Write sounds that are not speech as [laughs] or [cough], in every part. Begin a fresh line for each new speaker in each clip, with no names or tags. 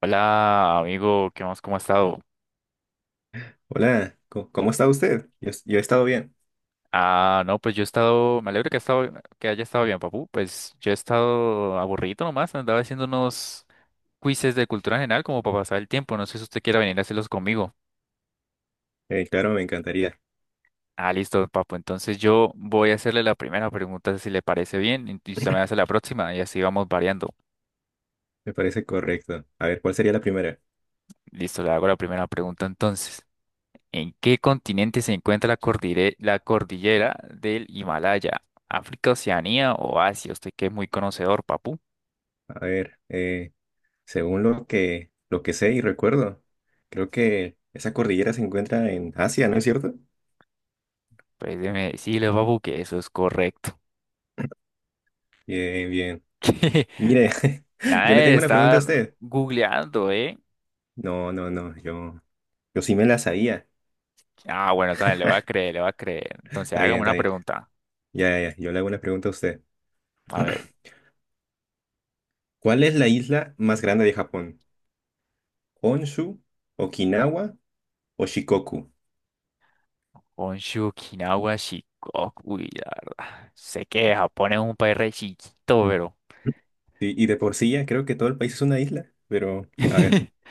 Hola, amigo, ¿qué más? ¿Cómo ha estado?
Hola, ¿cómo está usted? Yo he estado bien.
Ah, no, pues yo he estado, me alegro que, ha estado, que haya estado bien, papu. Pues yo he estado aburrido nomás, andaba haciendo unos quizzes de cultura general como para pasar el tiempo. No sé si usted quiera venir a hacerlos conmigo.
Claro, me encantaría.
Ah, listo, papu. Entonces yo voy a hacerle la primera pregunta si le parece bien y usted me hace la próxima y así vamos variando.
Me parece correcto. A ver, ¿cuál sería la primera?
Listo, le hago la primera pregunta entonces. ¿En qué continente se encuentra la cordillera del Himalaya? ¿África, Oceanía o Asia? Usted que es muy conocedor, papu.
A ver, según lo que sé y recuerdo, creo que esa cordillera se encuentra en Asia, ¿no es cierto?
Pues déjeme decirle, papu, que eso es correcto.
Bien, bien.
[laughs]
Mire, [laughs]
Nada
yo le
de
tengo una pregunta a
estar
usted.
googleando, ¿eh?
No, no, no, yo sí me la sabía.
Ah, bueno, sabe, le voy a
[laughs]
creer, le voy a creer. Entonces,
Está bien,
hágame
está
una
bien.
pregunta.
Ya, ya, ya, yo le hago una pregunta a usted.
A ver,
[clears throat] ¿Cuál es la isla más grande de Japón? ¿Honshu, Okinawa o Shikoku?
Honshu, Okinawa, Shikoku. Uy, la verdad. Sé que Japón es un país re chiquito, pero.
Sí, y de por sí ya creo que todo el país es una isla, pero a ver,
[laughs]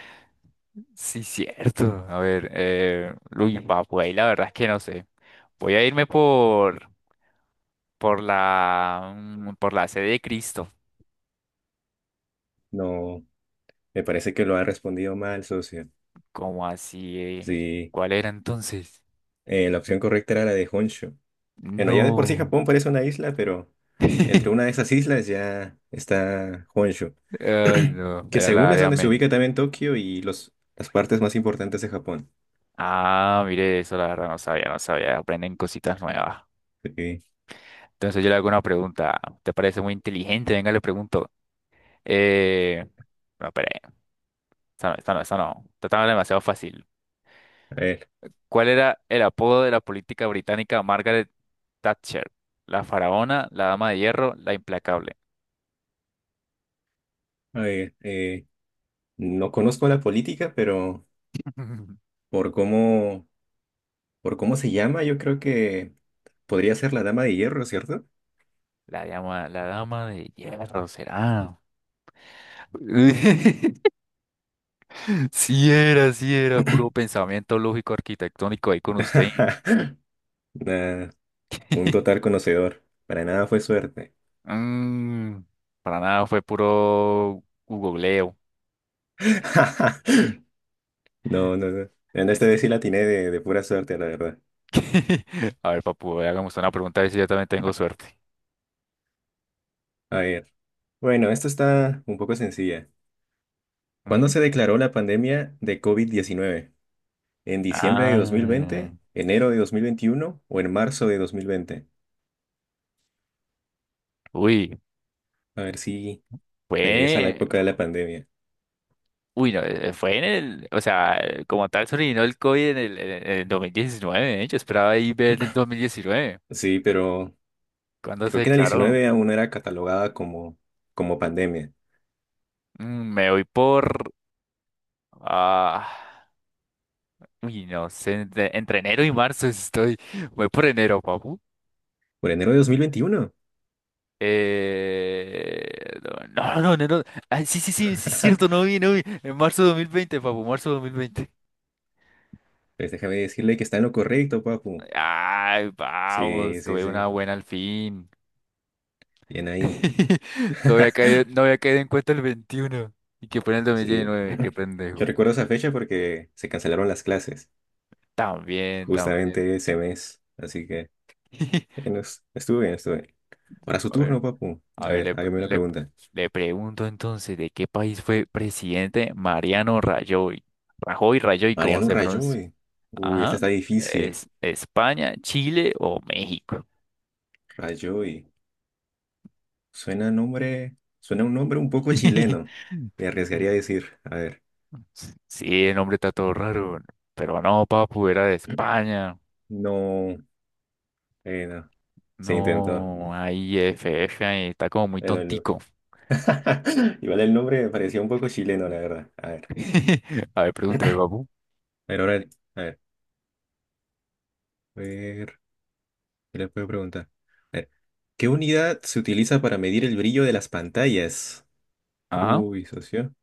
Sí, cierto. A ver, uy, va, pues ahí la verdad es que no sé. Voy a irme por la sede de Cristo.
no, me parece que lo ha respondido mal, socio.
Como así? ¿Eh?
Sí,
¿Cuál era entonces?
la opción correcta era la de Honshu. Bueno, ya de por sí
No.
Japón parece una isla, pero
[laughs]
entre
Ay,
una de esas islas ya está Honshu, [clears throat]
no,
que
era
según
la
es
de
donde se
Amén.
ubica también Tokio y las partes más importantes de Japón.
Ah, mire, eso la verdad no sabía, no sabía. Aprenden cositas nuevas.
Sí,
Entonces yo le hago una pregunta. ¿Te parece muy inteligente? Venga, le pregunto. Eh, no, espere, esta no, esta no, esta no. Esta estaba demasiado fácil.
a ver,
¿Cuál era el apodo de la política británica Margaret Thatcher? La faraona, la dama de hierro, la implacable.
a ver, no conozco la política, pero
[laughs]
por cómo Por cómo se llama, yo creo que podría ser la Dama de Hierro, ¿cierto?
La dama de hierro será. [laughs] Sí era, puro pensamiento lógico arquitectónico ahí con usted.
[laughs] Nah, un total
[laughs]
conocedor. Para nada fue suerte.
Mm, para nada, fue puro googleo.
[laughs] No, no, no. En esta vez sí la
Listo.
atiné de pura suerte, la verdad.
[laughs] A ver, papu, hagamos una pregunta a ver si yo también tengo suerte.
A ver. Bueno, esto está un poco sencilla. ¿Cuándo
¿Mm?
se declaró la pandemia de COVID-19? ¿En diciembre de dos mil
Ah,
veinte, enero de 2021 o en marzo de 2020?
uy,
A ver si regresa a la
fue.
época de la pandemia.
Uy, no, fue en el, o sea, como tal sobrevino el COVID en el 2019, ¿eh? Yo esperaba ahí ver el
[clears throat]
2019,
Sí, pero
cuando se
creo que en el
declaró.
19 aún era catalogada como pandemia.
Me voy por, ah, uy, no sé, entre enero y marzo estoy, voy por enero, papu.
Por enero de 2021.
No, no, no, enero, ah, sí, sí, sí, sí, es cierto, no
[laughs]
vi, no vi, en marzo 2020, papu, marzo 2020.
Pues déjame decirle que está en lo correcto, papu.
Ay,
Sí,
vamos,
sí,
tuve una
sí.
buena al fin.
Bien ahí.
[laughs] No había
[laughs]
caído, no había caído en cuenta el 21 y que fue en el dos mil
Sí.
diecinueve qué
[clears throat] Yo
pendejo.
recuerdo esa fecha porque se cancelaron las clases,
También, también.
justamente ese mes. Así que
[laughs]
no es- estuve bien, estuve bien. Ahora su
A ver,
turno, papu.
a
A
ver,
ver, hágame una pregunta.
le pregunto entonces, ¿de qué país fue presidente Mariano Rajoy? ¿Rajoy, Rajoy, cómo
Mariano
se pronuncia?
Rajoy. Uy, esta
Ajá.
está difícil.
¿Es España, Chile o México?
Rajoy. Suena un nombre un poco chileno.
[laughs]
Me arriesgaría a decir. A ver.
Sí, el nombre está todo raro, pero no, papu, era de España.
No, no. Se intentó.
No, ahí FF ahí está como muy
Pero no.
tontico.
[laughs] Igual el nombre me parecía un poco chileno, la verdad. A ver.
[laughs] A ver, pregúnteme,
[laughs] A
papu.
ver, ahora, a ver, a ver, ¿qué le puedo preguntar? A ver, ¿qué unidad se utiliza para medir el brillo de las pantallas?
Ah,
Uy, socio.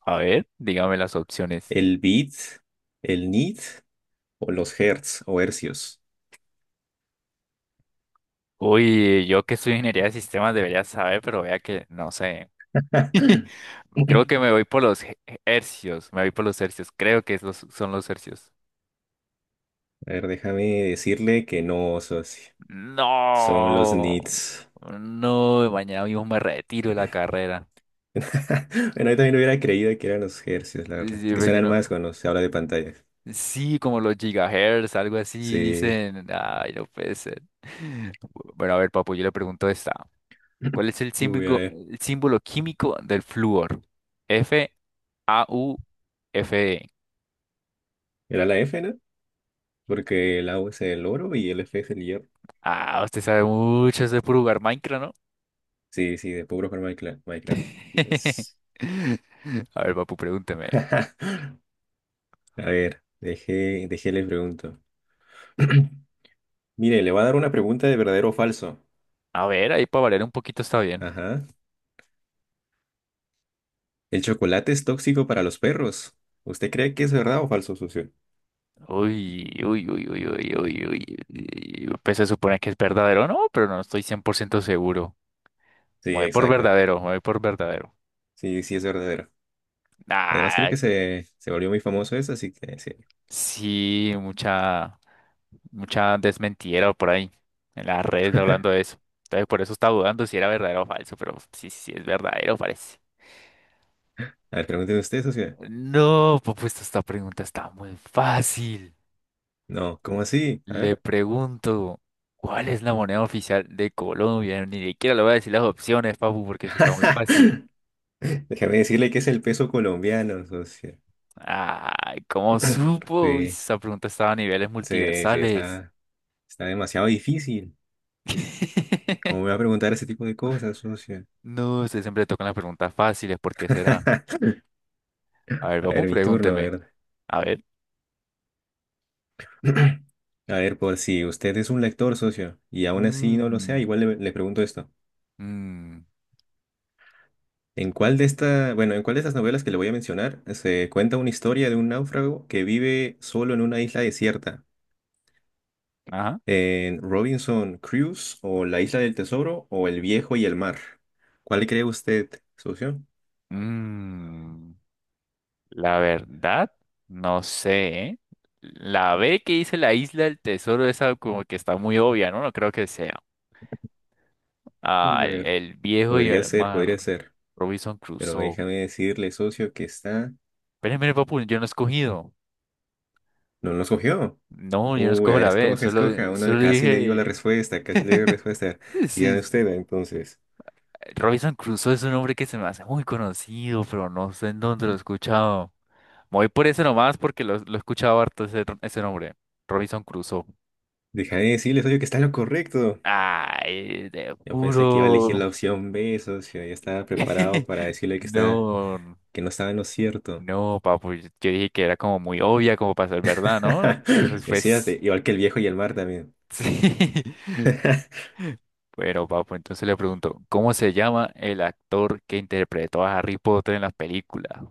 a ver, dígame las opciones.
¿El bit, el nit o los hertz o hercios?
Uy, yo que soy ingeniería de sistemas debería saber, pero vea que no sé.
[laughs]
[laughs]
A
Creo que me voy por hercios, me voy por los hercios, creo que es son los hercios.
ver, déjame decirle que no, socio. Son los
No,
nits.
no, mañana mismo me retiro de la carrera.
[laughs] Bueno, yo también hubiera creído que eran los hercios, la verdad.
Sí,
Es que
pero yo
suenan más
no.
cuando se habla de pantalla.
Sí, como los gigahertz, algo así,
Sí.
dicen. Ay, no puede ser. [laughs] Bueno, a ver, papu, yo le pregunto esta. ¿Cuál es el
Uy, a
símbolo,
ver.
el símbolo químico del flúor? F, A, U, F, E.
Era la F, ¿no? Porque el AU es el oro y el F es el hierro.
Ah, usted sabe mucho, es de puro jugar Minecraft, ¿no?
Sí, sí, de puro jugar Minecraft. Minecraft.
[laughs]
Quizás.
A ver, papu, pregúnteme.
[laughs] A ver, dejé le pregunto. [clears throat] Mire, le voy a dar una pregunta de verdadero o falso.
A ver, ahí para variar un poquito está bien.
Ajá. ¿El chocolate es tóxico para los perros? ¿Usted cree que es verdad o falso, socio?
Uy, uy, uy, uy, uy, uy, uy. Uy. Pues se supone que es verdadero, ¿no? Pero no estoy 100% seguro. Me
Sí,
voy por
exacto.
verdadero, me voy por verdadero.
Sí, sí es verdadero. Además, creo
Ah,
que se volvió muy famoso eso, así que sí.
sí, mucha, mucha desmentida por ahí en las redes hablando de eso. Entonces por eso estaba dudando si era verdadero o falso, pero sí, sí es verdadero, parece.
¿A ver, pregúntenme ustedes, socio?
No, pues, esta pregunta está muy fácil.
No, ¿cómo así? A
Le
ver.
pregunto, ¿cuál es la moneda oficial de Colombia? Ni siquiera le voy a decir las opciones, papu, porque eso está muy fácil.
[laughs] Déjame decirle que es el peso colombiano, socio.
Ay, ¿cómo
[clears throat]
supo? Uy,
Sí,
esa pregunta estaba a niveles
sí, sí,
multiversales.
está demasiado difícil. ¿Cómo
[laughs]
me va a preguntar ese tipo de cosas, socio?
No, usted siempre tocan las preguntas fáciles, ¿por qué será? A ver,
A
papu,
ver, mi turno, a
pregúnteme.
ver.
A ver.
[clears throat] A ver, por si usted es un lector, socio, y aún así no lo sea,
Mm,
igual le pregunto esto.
mm,
¿En cuál de estas novelas que le voy a mencionar se cuenta una historia de un náufrago que vive solo en una isla desierta?
ajá.
En Robinson Crusoe o La Isla del Tesoro o El Viejo y el Mar. ¿Cuál cree usted, socio?
Mm, la verdad, no sé, ¿eh? La B que dice la isla del tesoro, esa como que está muy obvia, ¿no? No creo que sea. Ah, el,
A
el viejo y
podría
el
ser, podría
mar.
ser.
Robinson
Pero
Crusoe.
déjame decirle, socio, que está.
Pero mire, papu, yo no he escogido.
No lo escogió.
No, yo no
Uy, a
escojo
ver,
la B,
escoja, escoja.
solo,
Uno
solo
casi le digo la
dije.
respuesta, casi le digo la respuesta. Dígame
Sí,
usted, entonces.
Robinson Crusoe es un nombre que se me hace muy conocido, pero no sé en dónde lo he escuchado. Me voy por ese nomás porque lo he escuchado harto ese nombre. Robinson Crusoe.
Déjame decirle, socio, que está en lo correcto.
Ay, de
Yo pensé que iba a elegir
puro.
la opción B, socio. Ya estaba preparado
[laughs]
para decirle
No,
que no estaba en lo cierto.
no, papu. Yo dije que era como muy obvia como para ser verdad, ¿no?
[laughs]
Entonces,
Es cierto,
pues,
igual que el viejo y el mar también.
[laughs] sí.
[laughs]
Bueno, papu, entonces le pregunto, ¿cómo se llama el actor que interpretó a Harry Potter en las películas?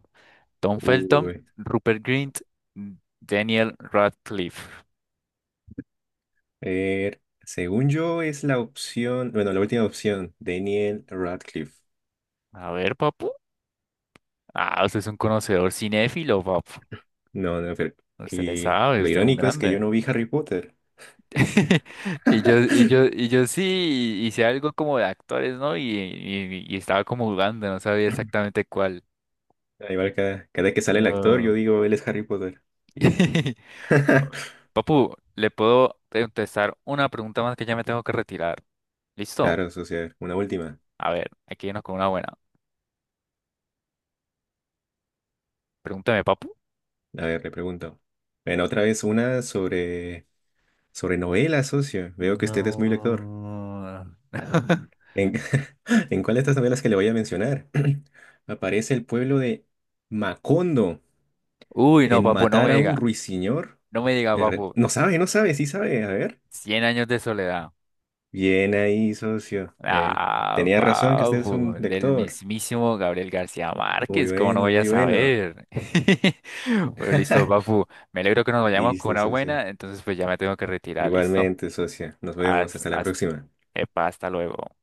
Tom Felton,
Uy,
Rupert Grint, Daniel Radcliffe.
a ver, según yo es la última opción, Daniel Radcliffe.
A ver, papu. Ah, usted es un conocedor cinéfilo, papu.
No, no,
Usted le
y
sabe,
lo
usted es un
irónico es que yo
grande.
no vi Harry Potter.
[laughs] Y yo, y yo,
[laughs]
y yo sí hice algo como de actores, ¿no? Y estaba como jugando, no sabía exactamente cuál.
Igual cada vez que sale el actor, yo
No.
digo, él es Harry Potter. Y ya.
[laughs]
[laughs]
Papu, le puedo contestar una pregunta más que ya me tengo que retirar. ¿Listo?
Claro, socio, una última.
A ver, aquí nos con una buena. Pregúntame, papu.
A ver, le pregunto. Bueno, otra vez una sobre novelas, socio. Veo que usted es muy lector.
No. [laughs]
¿En, [laughs] en cuál de estas novelas que le voy a mencionar [clears throat] aparece el pueblo de Macondo?
Uy, no,
En
papu, no
matar
me
a un
diga.
ruiseñor.
No me diga, papu.
No sabe, no sabe, sí sabe. A ver.
Cien años de soledad.
Bien ahí, socio.
Ah,
Tenía razón que usted es
papu,
un
del
lector.
mismísimo Gabriel García
Muy
Márquez, ¿cómo no
bueno,
voy a
muy bueno.
saber? [laughs] Bueno, listo,
[laughs]
papu. Me alegro que nos vayamos con
Listo,
una
socio.
buena, entonces pues ya me tengo que retirar, listo.
Igualmente, socio. Nos vemos.
Haz,
Hasta la
haz,
próxima.
epa, hasta luego.